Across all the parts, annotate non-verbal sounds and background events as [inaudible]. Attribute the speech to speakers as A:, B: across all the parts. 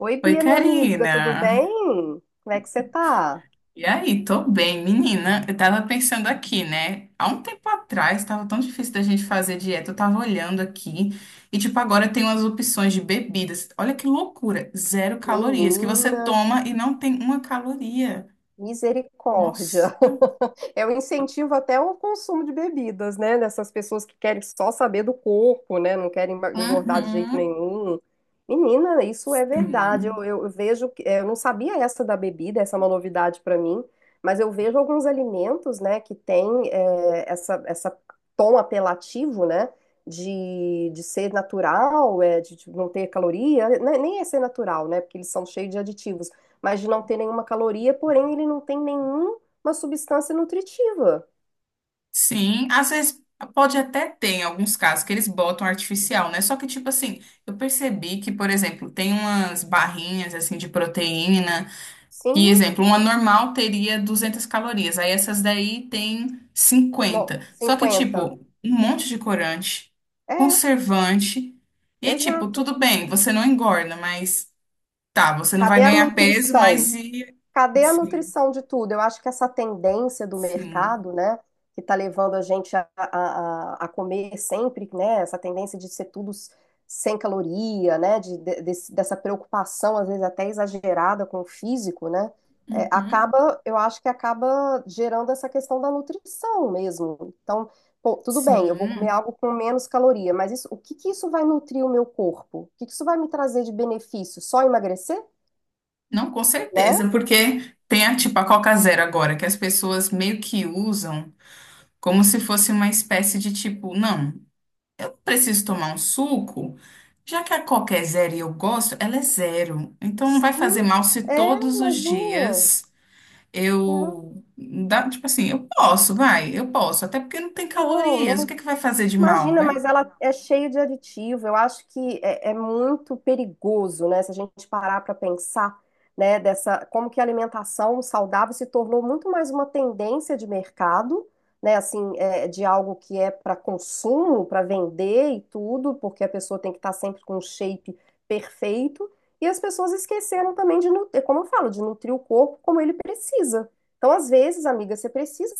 A: Oi,
B: Oi,
A: Bia, minha amiga, tudo
B: Karina.
A: bem? Como é que você tá?
B: E aí, tô bem, menina. Eu tava pensando aqui, né? Há um tempo atrás tava tão difícil da gente fazer dieta. Eu tava olhando aqui e, tipo, agora tem umas opções de bebidas. Olha que loucura! Zero calorias que você
A: Menina,
B: toma e não tem uma caloria. Nossa.
A: misericórdia. [laughs] Eu incentivo até o consumo de bebidas, né? Dessas pessoas que querem só saber do corpo, né? Não querem engordar de jeito
B: Uhum.
A: nenhum. Menina, isso é verdade. Eu,
B: Sim.
A: eu vejo, eu não sabia essa da bebida, essa é uma novidade para mim, mas eu vejo alguns alimentos, né, que tem essa tom apelativo, né? De ser natural, de não ter caloria, né, nem é ser natural, né? Porque eles são cheios de aditivos, mas de não ter nenhuma caloria, porém ele não tem nenhuma substância nutritiva.
B: Sim. Às vezes pode até ter em alguns casos que eles botam artificial, né? Só que, tipo assim, eu percebi que, por exemplo, tem umas barrinhas assim de proteína. E
A: Sim,
B: exemplo, uma normal teria 200 calorias, aí essas daí tem
A: bom,
B: 50. Só que,
A: 50.
B: tipo, um monte de corante,
A: É,
B: conservante. E aí, tipo,
A: exato.
B: tudo bem, você não engorda, mas tá, você não vai
A: Cadê a
B: ganhar peso,
A: nutrição?
B: mas e.
A: Cadê a
B: Sim,
A: nutrição de tudo? Eu acho que essa tendência do
B: sim.
A: mercado, né, que está levando a gente comer sempre, né, essa tendência de ser tudo sem caloria, né, dessa preocupação, às vezes até exagerada com o físico, né,
B: Uhum,
A: acaba, eu acho que acaba gerando essa questão da nutrição mesmo. Então, pô, tudo bem, eu vou comer
B: sim.
A: algo com menos caloria, mas isso, o que que isso vai nutrir o meu corpo? O que que isso vai me trazer de benefício? Só emagrecer?
B: Não, com
A: Né?
B: certeza, porque tem a, tipo, a Coca Zero agora, que as pessoas meio que usam como se fosse uma espécie de tipo, não. Eu preciso tomar um suco, já que a Coca é zero e eu gosto, ela é zero. Então não vai
A: Sim,
B: fazer mal se todos os
A: imagina.
B: dias
A: Né?
B: eu. Dá- tipo assim, eu posso, vai, eu posso. Até porque não tem
A: Não,
B: calorias. O
A: não.
B: que é que vai fazer de mal,
A: Imagina,
B: né?
A: mas ela é cheia de aditivo. Eu acho que é muito perigoso, né? Se a gente parar para pensar, né, dessa como que a alimentação saudável se tornou muito mais uma tendência de mercado, né? Assim, é, de algo que é para consumo, para vender e tudo, porque a pessoa tem que estar sempre com um shape perfeito. E as pessoas esqueceram também de nutrir, como eu falo, de nutrir o corpo como ele precisa. Então, às vezes, amiga, você precisa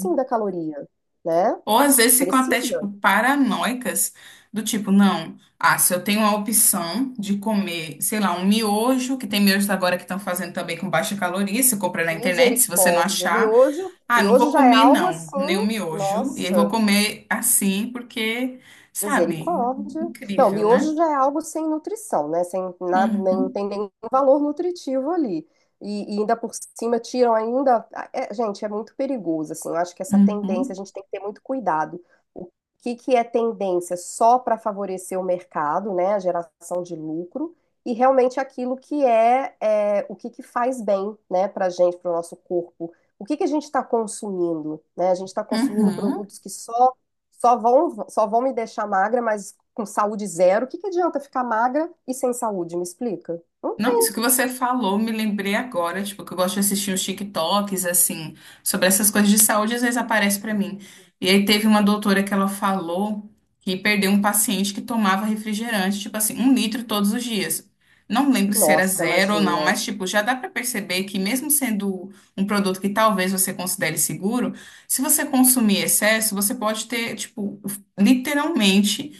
A: sim da caloria, né?
B: Ou às vezes ficam até, tipo,
A: Precisa.
B: paranoicas, do tipo, não, ah, se eu tenho a opção de comer, sei lá, um miojo, que tem miojos agora que estão fazendo também com baixa caloria, se compra na internet, se você não
A: Misericórdia.
B: achar.
A: Miojo,
B: Ah, não
A: miojo
B: vou
A: já é
B: comer,
A: algo
B: não, nem o
A: assim,
B: miojo. E aí vou
A: nossa.
B: comer assim, porque, sabe,
A: Misericórdia. Não,
B: incrível, né?
A: miojo já é algo sem nutrição, né? Sem nada, nem não
B: Uhum,
A: tem nenhum valor nutritivo ali. E ainda por cima tiram ainda. Ah, gente, é muito perigoso, assim. Eu acho que essa tendência
B: uhum,
A: a gente tem que ter muito cuidado. O que que é tendência só para favorecer o mercado, né? A geração de lucro e realmente aquilo que é o que que faz bem, né? Para gente, para o nosso corpo. O que que a gente está consumindo, né? A gente está consumindo
B: uhum.
A: produtos que só vão me deixar magra, mas com saúde zero. O que que adianta ficar magra e sem saúde? Me explica? Não
B: Não, isso
A: tem.
B: que você falou, me lembrei agora, tipo, que eu gosto de assistir uns TikToks, assim, sobre essas coisas de saúde, às vezes aparece pra mim. E aí teve uma doutora que ela falou que perdeu um paciente que tomava refrigerante, tipo assim, 1 litro todos os dias. Não lembro se era
A: Nossa,
B: zero ou não,
A: imagina.
B: mas, tipo, já dá pra perceber que mesmo sendo um produto que talvez você considere seguro, se você consumir excesso, você pode ter, tipo, literalmente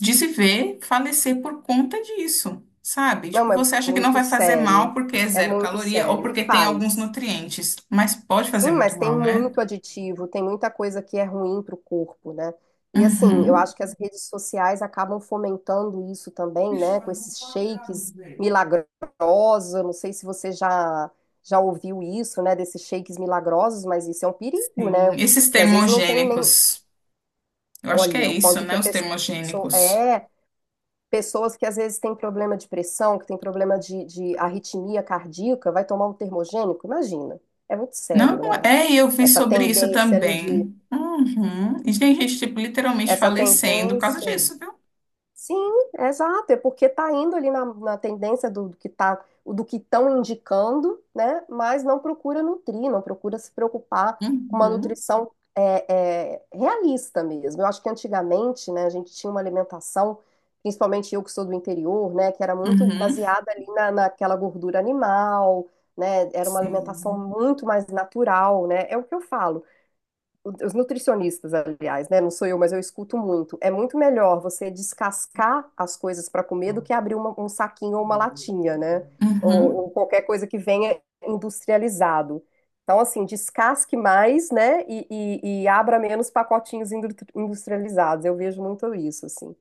B: de se ver falecer por conta disso, sabe? Tipo,
A: Não, é
B: você acha que não
A: muito
B: vai fazer mal
A: sério.
B: porque é
A: É
B: zero
A: muito
B: caloria ou
A: sério. E
B: porque tem alguns
A: faz.
B: nutrientes, mas pode
A: Sim,
B: fazer
A: mas
B: muito
A: tem
B: mal, né?
A: muito aditivo, tem muita coisa que é ruim para o corpo, né? E assim, eu
B: Uhum.
A: acho que as redes sociais acabam fomentando isso também, né? Com esses shakes milagrosos, eu não sei se você já ouviu isso, né? Desses shakes milagrosos, mas isso é um perigo,
B: Sim.
A: né?
B: Esses
A: Que às vezes não tem nem.
B: termogênicos, eu acho que é
A: Olha, o
B: isso,
A: quanto que
B: né?
A: a
B: Os
A: pessoa.
B: termogênicos.
A: É, pessoas que às vezes têm problema de pressão, que têm problema de arritmia cardíaca, vai tomar um termogênico, imagina. É muito
B: Não,
A: sério, né?
B: é, eu vi
A: Essa
B: sobre isso
A: tendência ali de.
B: também. Uhum. E tem gente, tipo, literalmente
A: Essa
B: falecendo por causa
A: tendência.
B: disso, viu?
A: Sim, exato. É porque tá indo ali na tendência do que estão indicando, né? Mas não procura nutrir, não procura se preocupar com uma
B: Uhum.
A: nutrição realista mesmo. Eu acho que antigamente, né, a gente tinha uma alimentação, principalmente eu que sou do interior, né, que era muito
B: Uhum.
A: baseada ali naquela gordura animal, né? Era uma alimentação
B: Sim.
A: muito mais natural, né? É o que eu falo, os nutricionistas, aliás, né? Não sou eu, mas eu escuto muito. É muito melhor você descascar as coisas para comer do que abrir um saquinho ou uma latinha, né? Ou,
B: Uhum.
A: ou qualquer coisa que venha industrializado. Então, assim, descasque mais, né? E abra menos pacotinhos industrializados. Eu vejo muito isso, assim.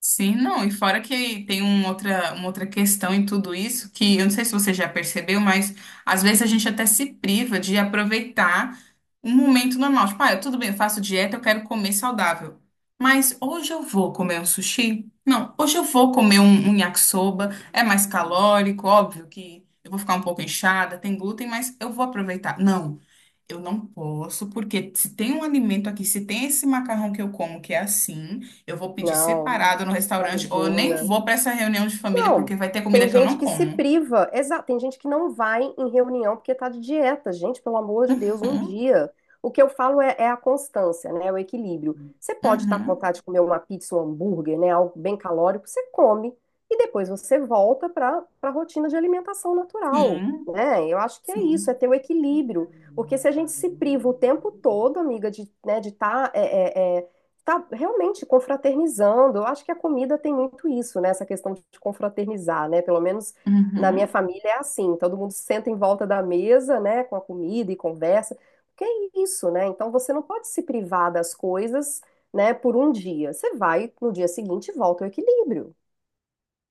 B: Sim, não, e fora que tem uma outra questão em tudo isso, que eu não sei se você já percebeu, mas às vezes a gente até se priva de aproveitar um momento normal. Tipo, ah, tudo bem, eu faço dieta, eu quero comer saudável. Mas hoje eu vou comer um sushi? Não, hoje eu vou comer um yakisoba, é mais calórico, óbvio que eu vou ficar um pouco inchada, tem glúten, mas eu vou aproveitar. Não. Eu não posso, porque se tem um alimento aqui, se tem esse macarrão que eu como que é assim, eu vou pedir
A: Não,
B: separado no restaurante, ou eu nem
A: imagina.
B: vou para essa reunião de família,
A: Não,
B: porque vai ter comida
A: tem
B: que eu
A: gente
B: não
A: que se
B: como.
A: priva, exato, tem gente que não vai em reunião porque tá de dieta. Gente, pelo amor de Deus, um
B: Uhum,
A: dia. O que eu falo é a constância, né? É o equilíbrio. Você pode estar com
B: uhum,
A: vontade de comer uma pizza, um hambúrguer, né? Algo bem calórico, você come e depois você volta para a rotina de alimentação natural,
B: sim,
A: né? Eu acho que é isso, é
B: sim.
A: ter o equilíbrio. Porque se a gente se priva o tempo todo, amiga, de, né, de estar tá realmente confraternizando. Eu acho que a comida tem muito isso, né? Essa questão de confraternizar, né? Pelo menos na minha
B: Uhum.
A: família é assim, todo mundo senta em volta da mesa, né, com a comida e conversa. Porque é isso, né? Então você não pode se privar das coisas, né, por um dia. Você vai no dia seguinte e volta ao equilíbrio.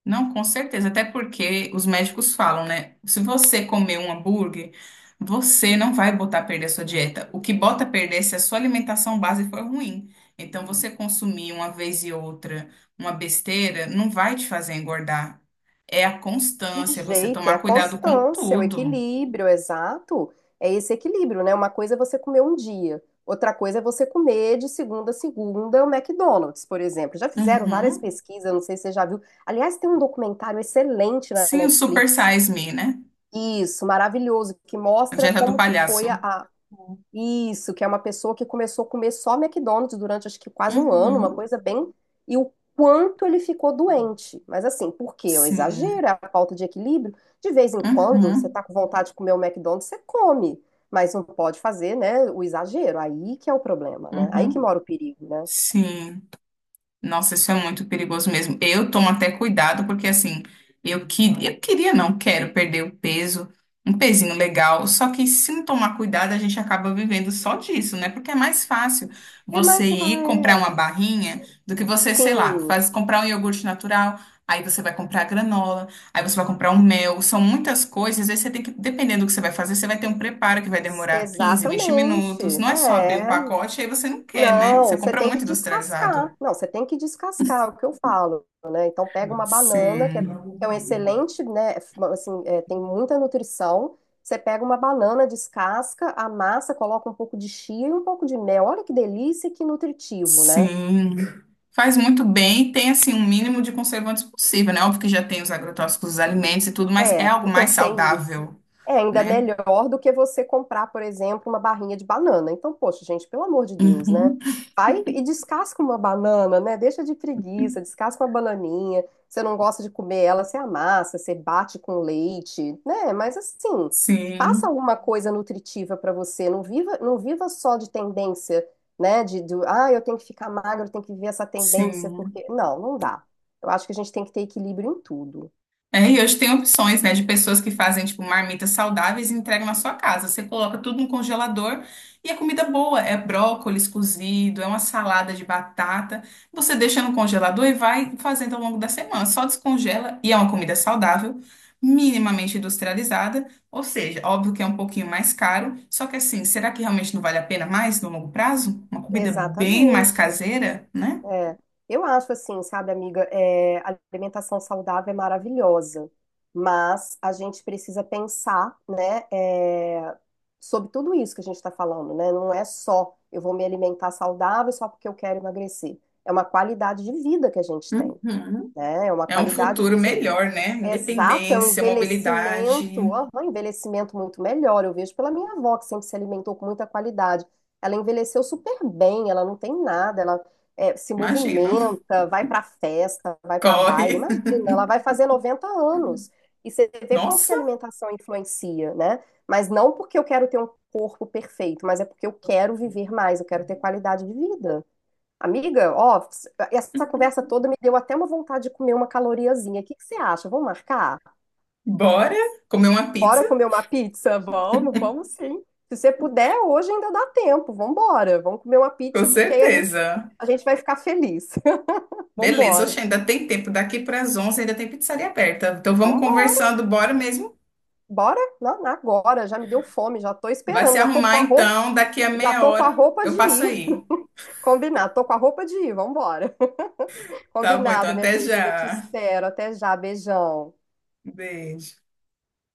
B: Não, com certeza, até porque os médicos falam, né? Se você comer um hambúrguer, você não vai botar a perder a sua dieta. O que bota a perder é se a sua alimentação base for ruim. Então, você consumir uma vez e outra uma besteira não vai te fazer engordar. É a constância, é você
A: Jeito, é a
B: tomar cuidado com
A: constância, é o
B: tudo.
A: equilíbrio, exato. É esse equilíbrio, né? Uma coisa é você comer um dia, outra coisa é você comer de segunda a segunda o McDonald's, por exemplo. Já fizeram várias
B: Uhum.
A: pesquisas, não sei se você já viu. Aliás, tem um documentário excelente na
B: Sim, o Super
A: Netflix.
B: Size Me, né?
A: Isso, maravilhoso, que
B: A
A: mostra
B: dieta do
A: como que
B: palhaço.
A: foi a isso, que é uma pessoa que começou a comer só McDonald's durante acho que quase um ano, uma
B: Uhum.
A: coisa bem. E o quanto ele ficou doente. Mas assim, por quê? É o
B: Sim.
A: exagero, é a falta de equilíbrio. De vez em quando, você
B: Uhum.
A: tá com vontade de comer um McDonald's, você come. Mas não pode fazer, né, o exagero. Aí que é o problema, né? Aí que
B: Uhum.
A: mora o perigo, né?
B: Sim. Nossa, isso é muito perigoso mesmo. Eu tomo até cuidado, porque assim, eu queria, não quero perder o peso, um pezinho legal. Só que se não tomar cuidado, a gente acaba vivendo só disso, né? Porque é mais fácil
A: É
B: você
A: mais.
B: ir
A: Ah,
B: comprar
A: é.
B: uma barrinha do que você, sei lá,
A: Sim,
B: faz, comprar um iogurte natural, aí você vai comprar granola, aí você vai comprar um mel. São muitas coisas, aí você tem que, dependendo do que você vai fazer, você vai ter um preparo que vai demorar 15 20
A: exatamente.
B: minutos. Não é só abrir um
A: É.
B: pacote, aí você não quer, né?
A: Não,
B: Você
A: você
B: compra
A: tem que
B: muito
A: descascar.
B: industrializado.
A: Não, você tem que descascar, é o que eu falo, né? Então pega uma banana, que é,
B: Sim,
A: é um excelente, né? Assim, tem muita nutrição. Você pega uma banana, descasca, amassa, coloca um pouco de chia e um pouco de mel. Olha que delícia, e que nutritivo, né?
B: sim. Faz muito bem e tem assim um mínimo de conservantes possível, né? Óbvio que já tem os agrotóxicos dos alimentos e tudo, mas é
A: É,
B: algo mais
A: [laughs] tem isso.
B: saudável,
A: É ainda
B: né?
A: melhor do que você comprar, por exemplo, uma barrinha de banana. Então, poxa, gente, pelo amor de Deus, né?
B: Uhum.
A: Vai e descasca uma banana, né? Deixa de preguiça, descasca uma bananinha. Você não gosta de comer ela, você amassa, você bate com leite, né? Mas assim, faça
B: Sim,
A: alguma coisa nutritiva para você. Não viva, não viva só de tendência, né? Eu tenho que ficar magro, eu tenho que viver essa tendência,
B: sim.
A: porque. Não, não dá. Eu acho que a gente tem que ter equilíbrio em tudo.
B: É, e hoje tem opções, né, de pessoas que fazem, tipo, marmitas saudáveis e entregam na sua casa. Você coloca tudo no congelador e a comida boa. É brócolis cozido, é uma salada de batata. Você deixa no congelador e vai fazendo ao longo da semana. Só descongela e é uma comida saudável, minimamente industrializada. Ou seja, óbvio que é um pouquinho mais caro. Só que assim, será que realmente não vale a pena mais no longo prazo? Uma comida bem mais
A: Exatamente.
B: caseira, né?
A: É. Eu acho assim, sabe, amiga, a alimentação saudável é maravilhosa, mas a gente precisa pensar, né, sobre tudo isso que a gente está falando, né? Não é só eu vou me alimentar saudável só porque eu quero emagrecer. É uma qualidade de vida que a gente tem,
B: Uhum.
A: né? É uma
B: É um
A: qualidade
B: futuro
A: mesmo.
B: melhor, né?
A: Exato, é um
B: Independência, mobilidade.
A: envelhecimento, aham, um envelhecimento muito melhor. Eu vejo pela minha avó, que sempre se alimentou com muita qualidade. Ela envelheceu super bem, ela não tem nada, ela se
B: Imagino. [laughs]
A: movimenta, vai pra festa, vai pra
B: Corre.
A: baile. Imagina, ela vai fazer 90 anos. E você vê quanto que a
B: Nossa,
A: alimentação influencia, né? Mas não porque eu quero ter um corpo perfeito, mas é porque eu quero viver mais, eu quero ter qualidade de vida. Amiga, ó, essa conversa toda me deu até uma vontade de comer uma caloriazinha. O que que você acha? Vamos marcar?
B: bora comer uma
A: Bora
B: pizza?
A: comer uma pizza? Vamos sim. Se você puder, hoje ainda dá tempo. Vamos embora. Vamos comer uma
B: Com
A: pizza, porque aí a gente,
B: certeza.
A: a gente vai ficar feliz. [laughs] Vamos
B: Beleza, oxe,
A: embora.
B: ainda tem tempo. Daqui para as 11 ainda tem pizzaria aberta. Então vamos
A: Vamos embora.
B: conversando, bora mesmo.
A: Bora? Não, agora. Já me deu fome, já tô
B: Vai
A: esperando,
B: se arrumar então. Daqui a
A: já
B: meia
A: tô com a
B: hora
A: roupa de
B: eu passo
A: ir.
B: aí.
A: [laughs] Combinado. Tô com a roupa de ir. Vamos embora. [laughs]
B: Tá bom, então
A: Combinado, minha
B: até
A: querida. Te
B: já.
A: espero. Até já. Beijão.
B: Beijo.